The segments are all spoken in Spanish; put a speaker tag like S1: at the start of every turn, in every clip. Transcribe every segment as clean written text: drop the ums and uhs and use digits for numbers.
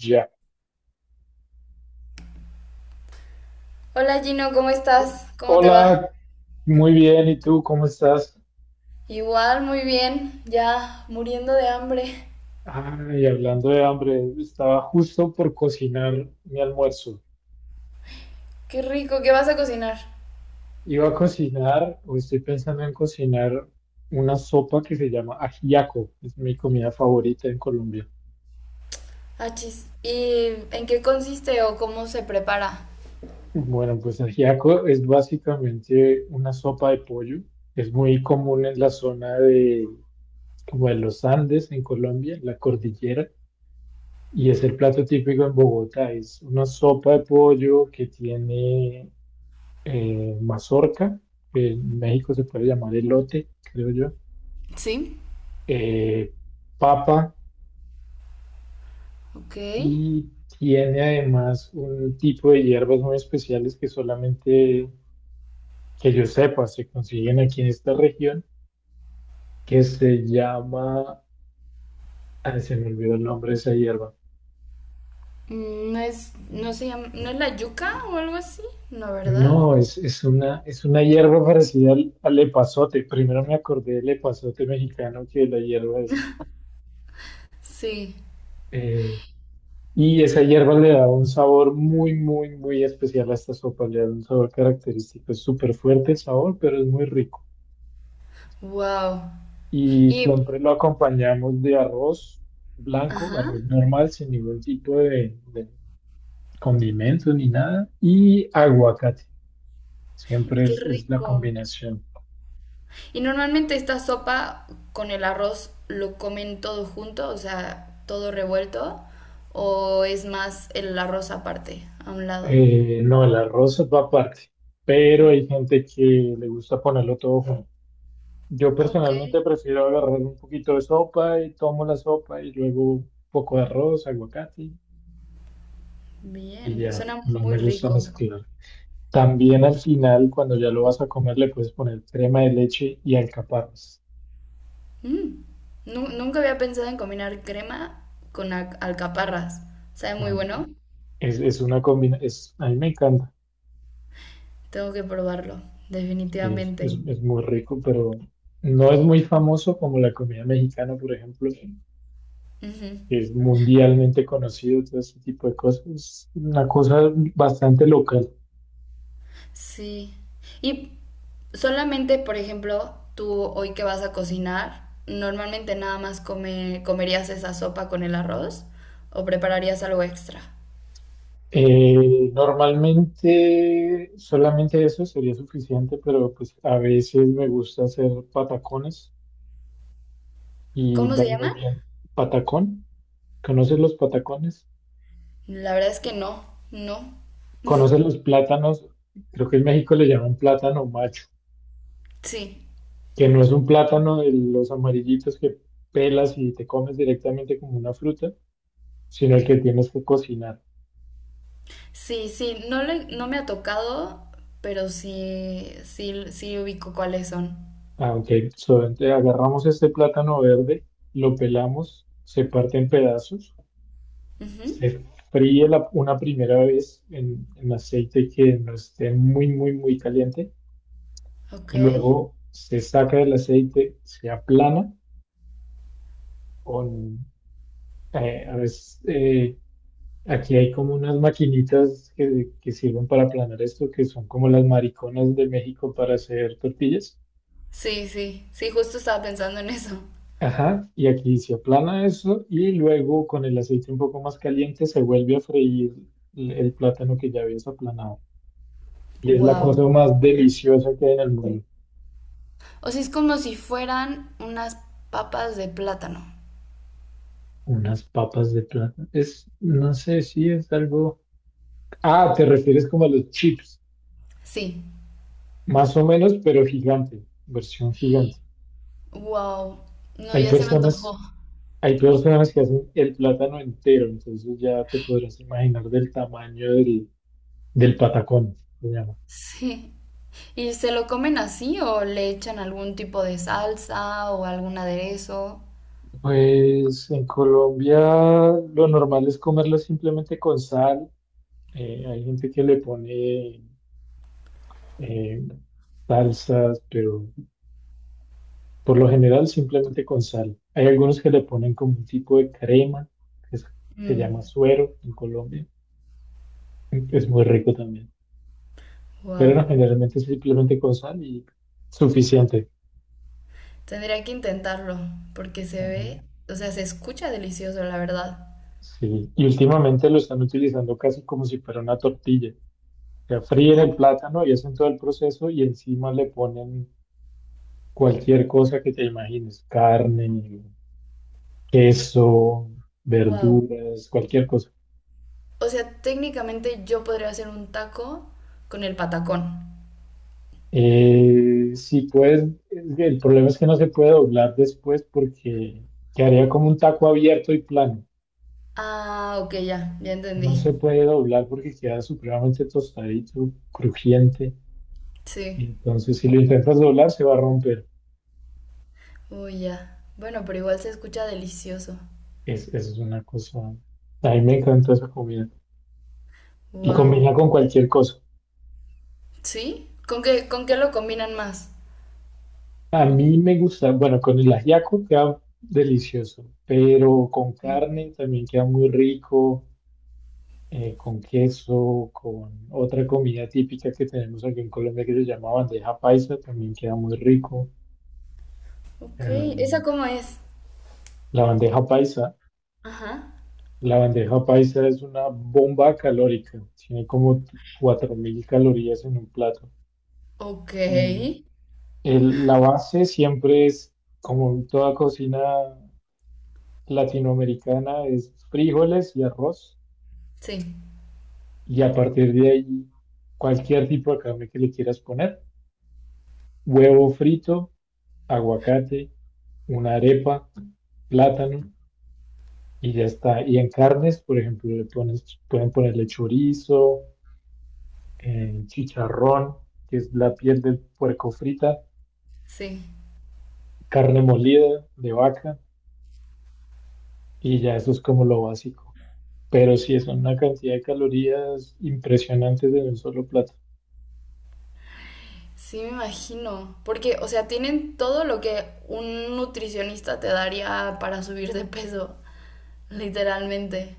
S1: Ya.
S2: Hola Gino, ¿cómo estás? ¿Cómo te va?
S1: Hola, muy bien. ¿Y tú cómo estás?
S2: Igual, muy bien, ya muriendo de hambre.
S1: Ay, hablando de hambre, estaba justo por cocinar mi almuerzo.
S2: Qué rico, ¿qué vas a cocinar?
S1: Iba a cocinar, o estoy pensando en cocinar una sopa que se llama ajiaco. Es mi comida favorita en Colombia.
S2: Achis. ¿Y en qué consiste o cómo se prepara?
S1: Bueno, pues ajiaco es básicamente una sopa de pollo. Es muy común en la zona de, como de los Andes, en Colombia, en la cordillera. Y es el plato típico en Bogotá, es una sopa de pollo que tiene mazorca, que en México se puede llamar elote, creo yo,
S2: Sí,
S1: eh, papa
S2: ok.
S1: y tiene además un tipo de hierbas muy especiales que solamente que yo sepa se consiguen aquí en esta región, que se llama, se me olvidó el nombre de esa hierba.
S2: No es, no se llama, ¿no es la yuca o algo así? No, ¿verdad?
S1: No, es una hierba parecida al epazote. Primero me acordé del epazote mexicano que de la hierba esa.
S2: Sí.
S1: Eh, y esa hierba le da un sabor muy, muy, muy especial a esta sopa. Le da un sabor característico. Es súper fuerte el sabor, pero es muy rico.
S2: Wow.
S1: Y
S2: Y
S1: siempre lo acompañamos de arroz blanco,
S2: ajá.
S1: arroz normal, sin ningún tipo de condimento ni nada. Y aguacate. Siempre
S2: Qué
S1: es la
S2: rico.
S1: combinación.
S2: Y normalmente esta sopa con el arroz lo comen todo junto, o sea, todo revuelto, o es más el arroz aparte, a un lado.
S1: No, el arroz va aparte, pero hay gente que le gusta ponerlo todo junto. Yo
S2: Ah, ok,
S1: personalmente prefiero agarrar un poquito de sopa y tomo la sopa y luego un poco de arroz, aguacate y
S2: bien,
S1: ya,
S2: suena
S1: no
S2: muy
S1: me gusta
S2: rico.
S1: mezclar. También al final, cuando ya lo vas a comer, le puedes poner crema de leche y alcaparras.
S2: Mm, nunca había pensado en combinar crema con alcaparras. Sabe muy
S1: Ujú.
S2: bueno.
S1: Es una combinación, a mí me encanta,
S2: Tengo que probarlo, definitivamente.
S1: es muy rico, pero no es muy famoso como la comida mexicana, por ejemplo.
S2: Ujú.
S1: Que es mundialmente conocido, todo este tipo de cosas, es una cosa bastante local.
S2: Sí. Y solamente, por ejemplo, tú hoy que vas a cocinar, normalmente nada más comerías esa sopa con el arroz o prepararías algo extra.
S1: Normalmente solamente eso sería suficiente, pero pues a veces me gusta hacer patacones y
S2: ¿Cómo se
S1: van muy
S2: llama?
S1: bien. ¿Patacón? ¿Conoces los patacones?
S2: La verdad es que no, no.
S1: ¿Conoces los plátanos? Creo que en México le llaman plátano macho,
S2: Sí,
S1: que no es un plátano de los amarillitos que pelas y te comes directamente como una fruta, sino el que tienes que cocinar.
S2: sí, sí, no, no me ha tocado, pero sí, sí, sí ubico cuáles son.
S1: Ah, ok. So, agarramos este plátano verde, lo pelamos, se parte en pedazos,
S2: Ujú.
S1: se una primera vez en aceite que no esté muy, muy, muy caliente.
S2: Ok.
S1: Luego se saca del aceite, se aplana con, a veces, aquí hay como unas maquinitas que sirven para aplanar esto, que son como las mariconas de México para hacer tortillas.
S2: Sí, sí, sí, justo estaba pensando en eso.
S1: Ajá, y aquí se aplana eso y luego con el aceite un poco más caliente se vuelve a freír el plátano que ya habías aplanado. Y es la
S2: Wow.
S1: cosa más deliciosa que hay en el mundo.
S2: O sea, es como si fueran unas papas de plátano.
S1: Unas papas de plátano. Es, no sé si es algo... Ah, te refieres como a los chips,
S2: Sí.
S1: más o menos, pero gigante, versión gigante.
S2: Wow. No,
S1: Hay
S2: ya se me
S1: personas,
S2: antojó.
S1: hay personas que hacen el plátano entero, entonces ya te podrás imaginar del tamaño del, del patacón, se llama.
S2: Sí. ¿Y se lo comen así o le echan algún tipo de salsa o algún aderezo?
S1: Pues en Colombia lo normal es comerlo simplemente con sal. Hay gente que le pone eh, salsas, pero por lo general simplemente con sal. Hay algunos que le ponen como un tipo de crema, que es- se
S2: Mm,
S1: llama suero en Colombia. Es muy rico también. Pero
S2: wow.
S1: no, generalmente es simplemente con sal y suficiente.
S2: Tendría que intentarlo porque se
S1: Ajá.
S2: ve, o sea, se escucha delicioso, la verdad.
S1: Sí. Y últimamente lo están utilizando casi como si fuera una tortilla. Sea, fríen
S2: Ah,
S1: el plátano y hacen todo el proceso y encima le ponen cualquier cosa que te imagines, carne, queso,
S2: wow.
S1: verduras, cualquier cosa.
S2: O sea, técnicamente yo podría hacer un taco con el patacón.
S1: Si puedes, es que el problema es que no se puede doblar después porque quedaría como un taco abierto y plano.
S2: Ah, ok, ya, ya
S1: No
S2: entendí.
S1: se puede doblar porque queda supremamente tostadito, crujiente. Y
S2: Sí.
S1: entonces si lo intentas doblar se va a romper.
S2: Uy, ya. Bueno, pero igual se escucha delicioso.
S1: Esa es una cosa. A mí me encanta esa comida. Y
S2: Wow.
S1: combina con cualquier cosa.
S2: ¿Sí? Con qué lo combinan más?
S1: A mí me gusta, bueno, con el ajiaco queda delicioso, pero con
S2: Mm.
S1: carne también queda muy rico, con queso, con otra comida típica que tenemos aquí en Colombia que se llama bandeja paisa, también queda muy rico.
S2: Ok, ¿esa
S1: Em,
S2: cómo es?
S1: la bandeja paisa,
S2: Ajá.
S1: la bandeja paisa es una bomba calórica, tiene como 4.000 calorías en un plato.
S2: Ok.
S1: Y la base siempre es, como en toda cocina latinoamericana es frijoles y arroz,
S2: Sí,
S1: y a partir de ahí cualquier tipo de carne que le quieras poner, huevo frito, aguacate, una arepa, plátano, y ya está. Y en carnes, por ejemplo, le pones, pueden ponerle chorizo, chicharrón, que es la piel del puerco frita,
S2: sí.
S1: carne molida de vaca, y ya eso es como lo básico. Pero sí, es una cantidad de calorías impresionantes en un solo plato.
S2: Sí, me imagino. Porque, o sea, tienen todo lo que un nutricionista te daría para subir de peso, literalmente.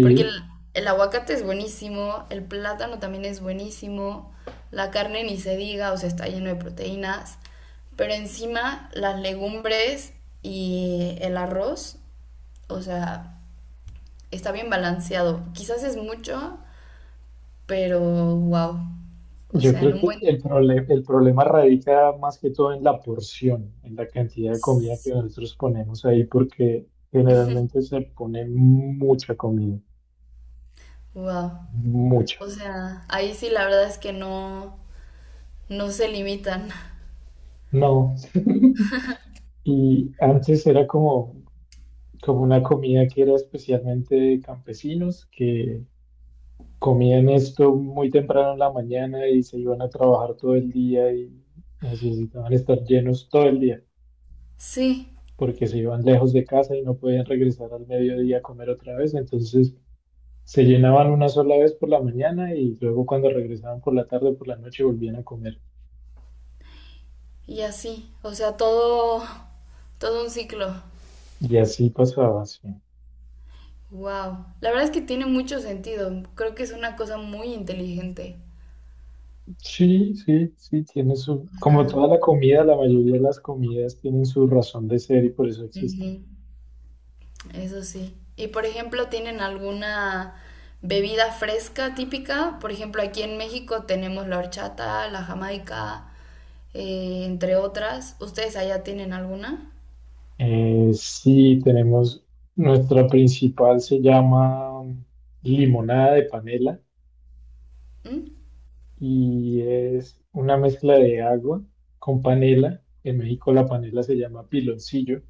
S2: Porque el aguacate es buenísimo, el plátano también es buenísimo, la carne ni se diga, o sea, está lleno de proteínas, pero encima las legumbres y el arroz, o sea, está bien balanceado. Quizás es mucho, pero wow. O
S1: Yo
S2: sea,
S1: creo
S2: en un
S1: que
S2: buen
S1: el problema radica más que todo en la porción, en la cantidad de comida que nosotros ponemos ahí, porque generalmente se pone mucha comida,
S2: wow.
S1: mucha.
S2: O sea, ahí sí la verdad es que no no se limitan.
S1: No. Y antes era como, como una comida que era especialmente de campesinos, que comían esto muy temprano en la mañana y se iban a trabajar todo el día y necesitaban estar llenos todo el día.
S2: Sí,
S1: Porque se iban lejos de casa y no podían regresar al mediodía a comer otra vez, entonces se llenaban una sola vez por la mañana y luego cuando regresaban por la tarde, por la noche volvían a comer.
S2: y así, o sea, todo un ciclo.
S1: Y así pasaba, sí.
S2: Wow, la verdad es que tiene mucho sentido. Creo que es una cosa muy inteligente.
S1: Sí, sí, sí, tiene su,
S2: O
S1: como
S2: sea,
S1: toda la comida, la mayoría de las comidas tienen su razón de ser y por eso
S2: ujú,
S1: existen.
S2: eso sí. Y por ejemplo, ¿tienen alguna bebida fresca típica? Por ejemplo, aquí en México tenemos la horchata, la jamaica, entre otras. ¿Ustedes allá tienen alguna?
S1: Sí, tenemos, nuestra principal se llama limonada de panela
S2: ¿Mm?
S1: y es una mezcla de agua con panela. En México la panela se llama piloncillo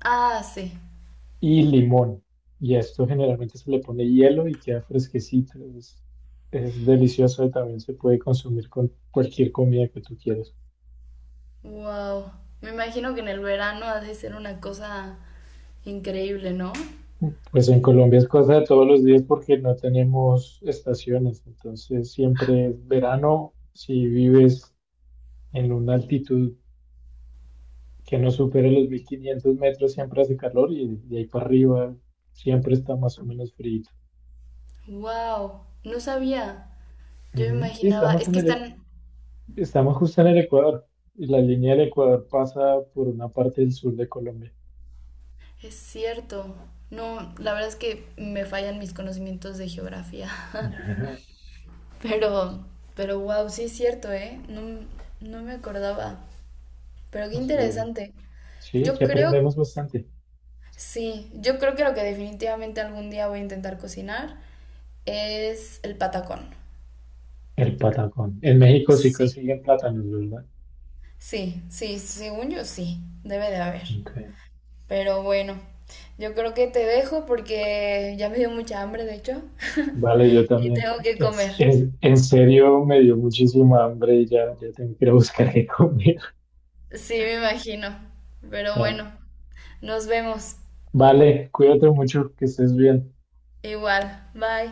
S2: Ah, sí.
S1: y limón. Y a esto generalmente se le pone hielo y queda fresquecito. Es delicioso y también se puede consumir con cualquier comida que tú quieras.
S2: Wow. Me imagino que en el verano ha de ser una cosa increíble, ¿no?
S1: Pues en Colombia es cosa de todos los días porque no tenemos estaciones. Entonces siempre es verano si vives en una altitud que no supere los 1.500 metros siempre hace calor y de ahí para arriba siempre está más o menos frío.
S2: Wow, no sabía. Yo me
S1: Ujú. Sí,
S2: imaginaba,
S1: estamos
S2: es
S1: en
S2: que están,
S1: estamos justo en el Ecuador y la línea del Ecuador pasa por una parte del sur de Colombia.
S2: es cierto. No, la verdad es que me fallan mis conocimientos de geografía.
S1: Ajá.
S2: Pero, pero wow, sí es cierto, ¿eh? No, no me acordaba. Pero qué
S1: Así
S2: interesante.
S1: sí,
S2: Yo
S1: aquí
S2: creo,
S1: aprendemos bastante.
S2: sí, yo creo que lo que definitivamente algún día voy a intentar cocinar es el patacón.
S1: El patacón. En México sí
S2: Sí.
S1: consiguen plátanos, ¿verdad?
S2: Sí, sí, según yo sí, debe de haber.
S1: Okay.
S2: Pero bueno, yo creo que te dejo porque ya me dio mucha hambre, de hecho,
S1: Vale, yo
S2: y
S1: también.
S2: tengo que comer.
S1: En serio, me dio muchísima hambre y ya, ya tengo que ir a buscar qué comer.
S2: Sí, me imagino. Pero
S1: Eh,
S2: bueno, nos vemos.
S1: vale, cuídate mucho, que estés bien.
S2: Igual, bye.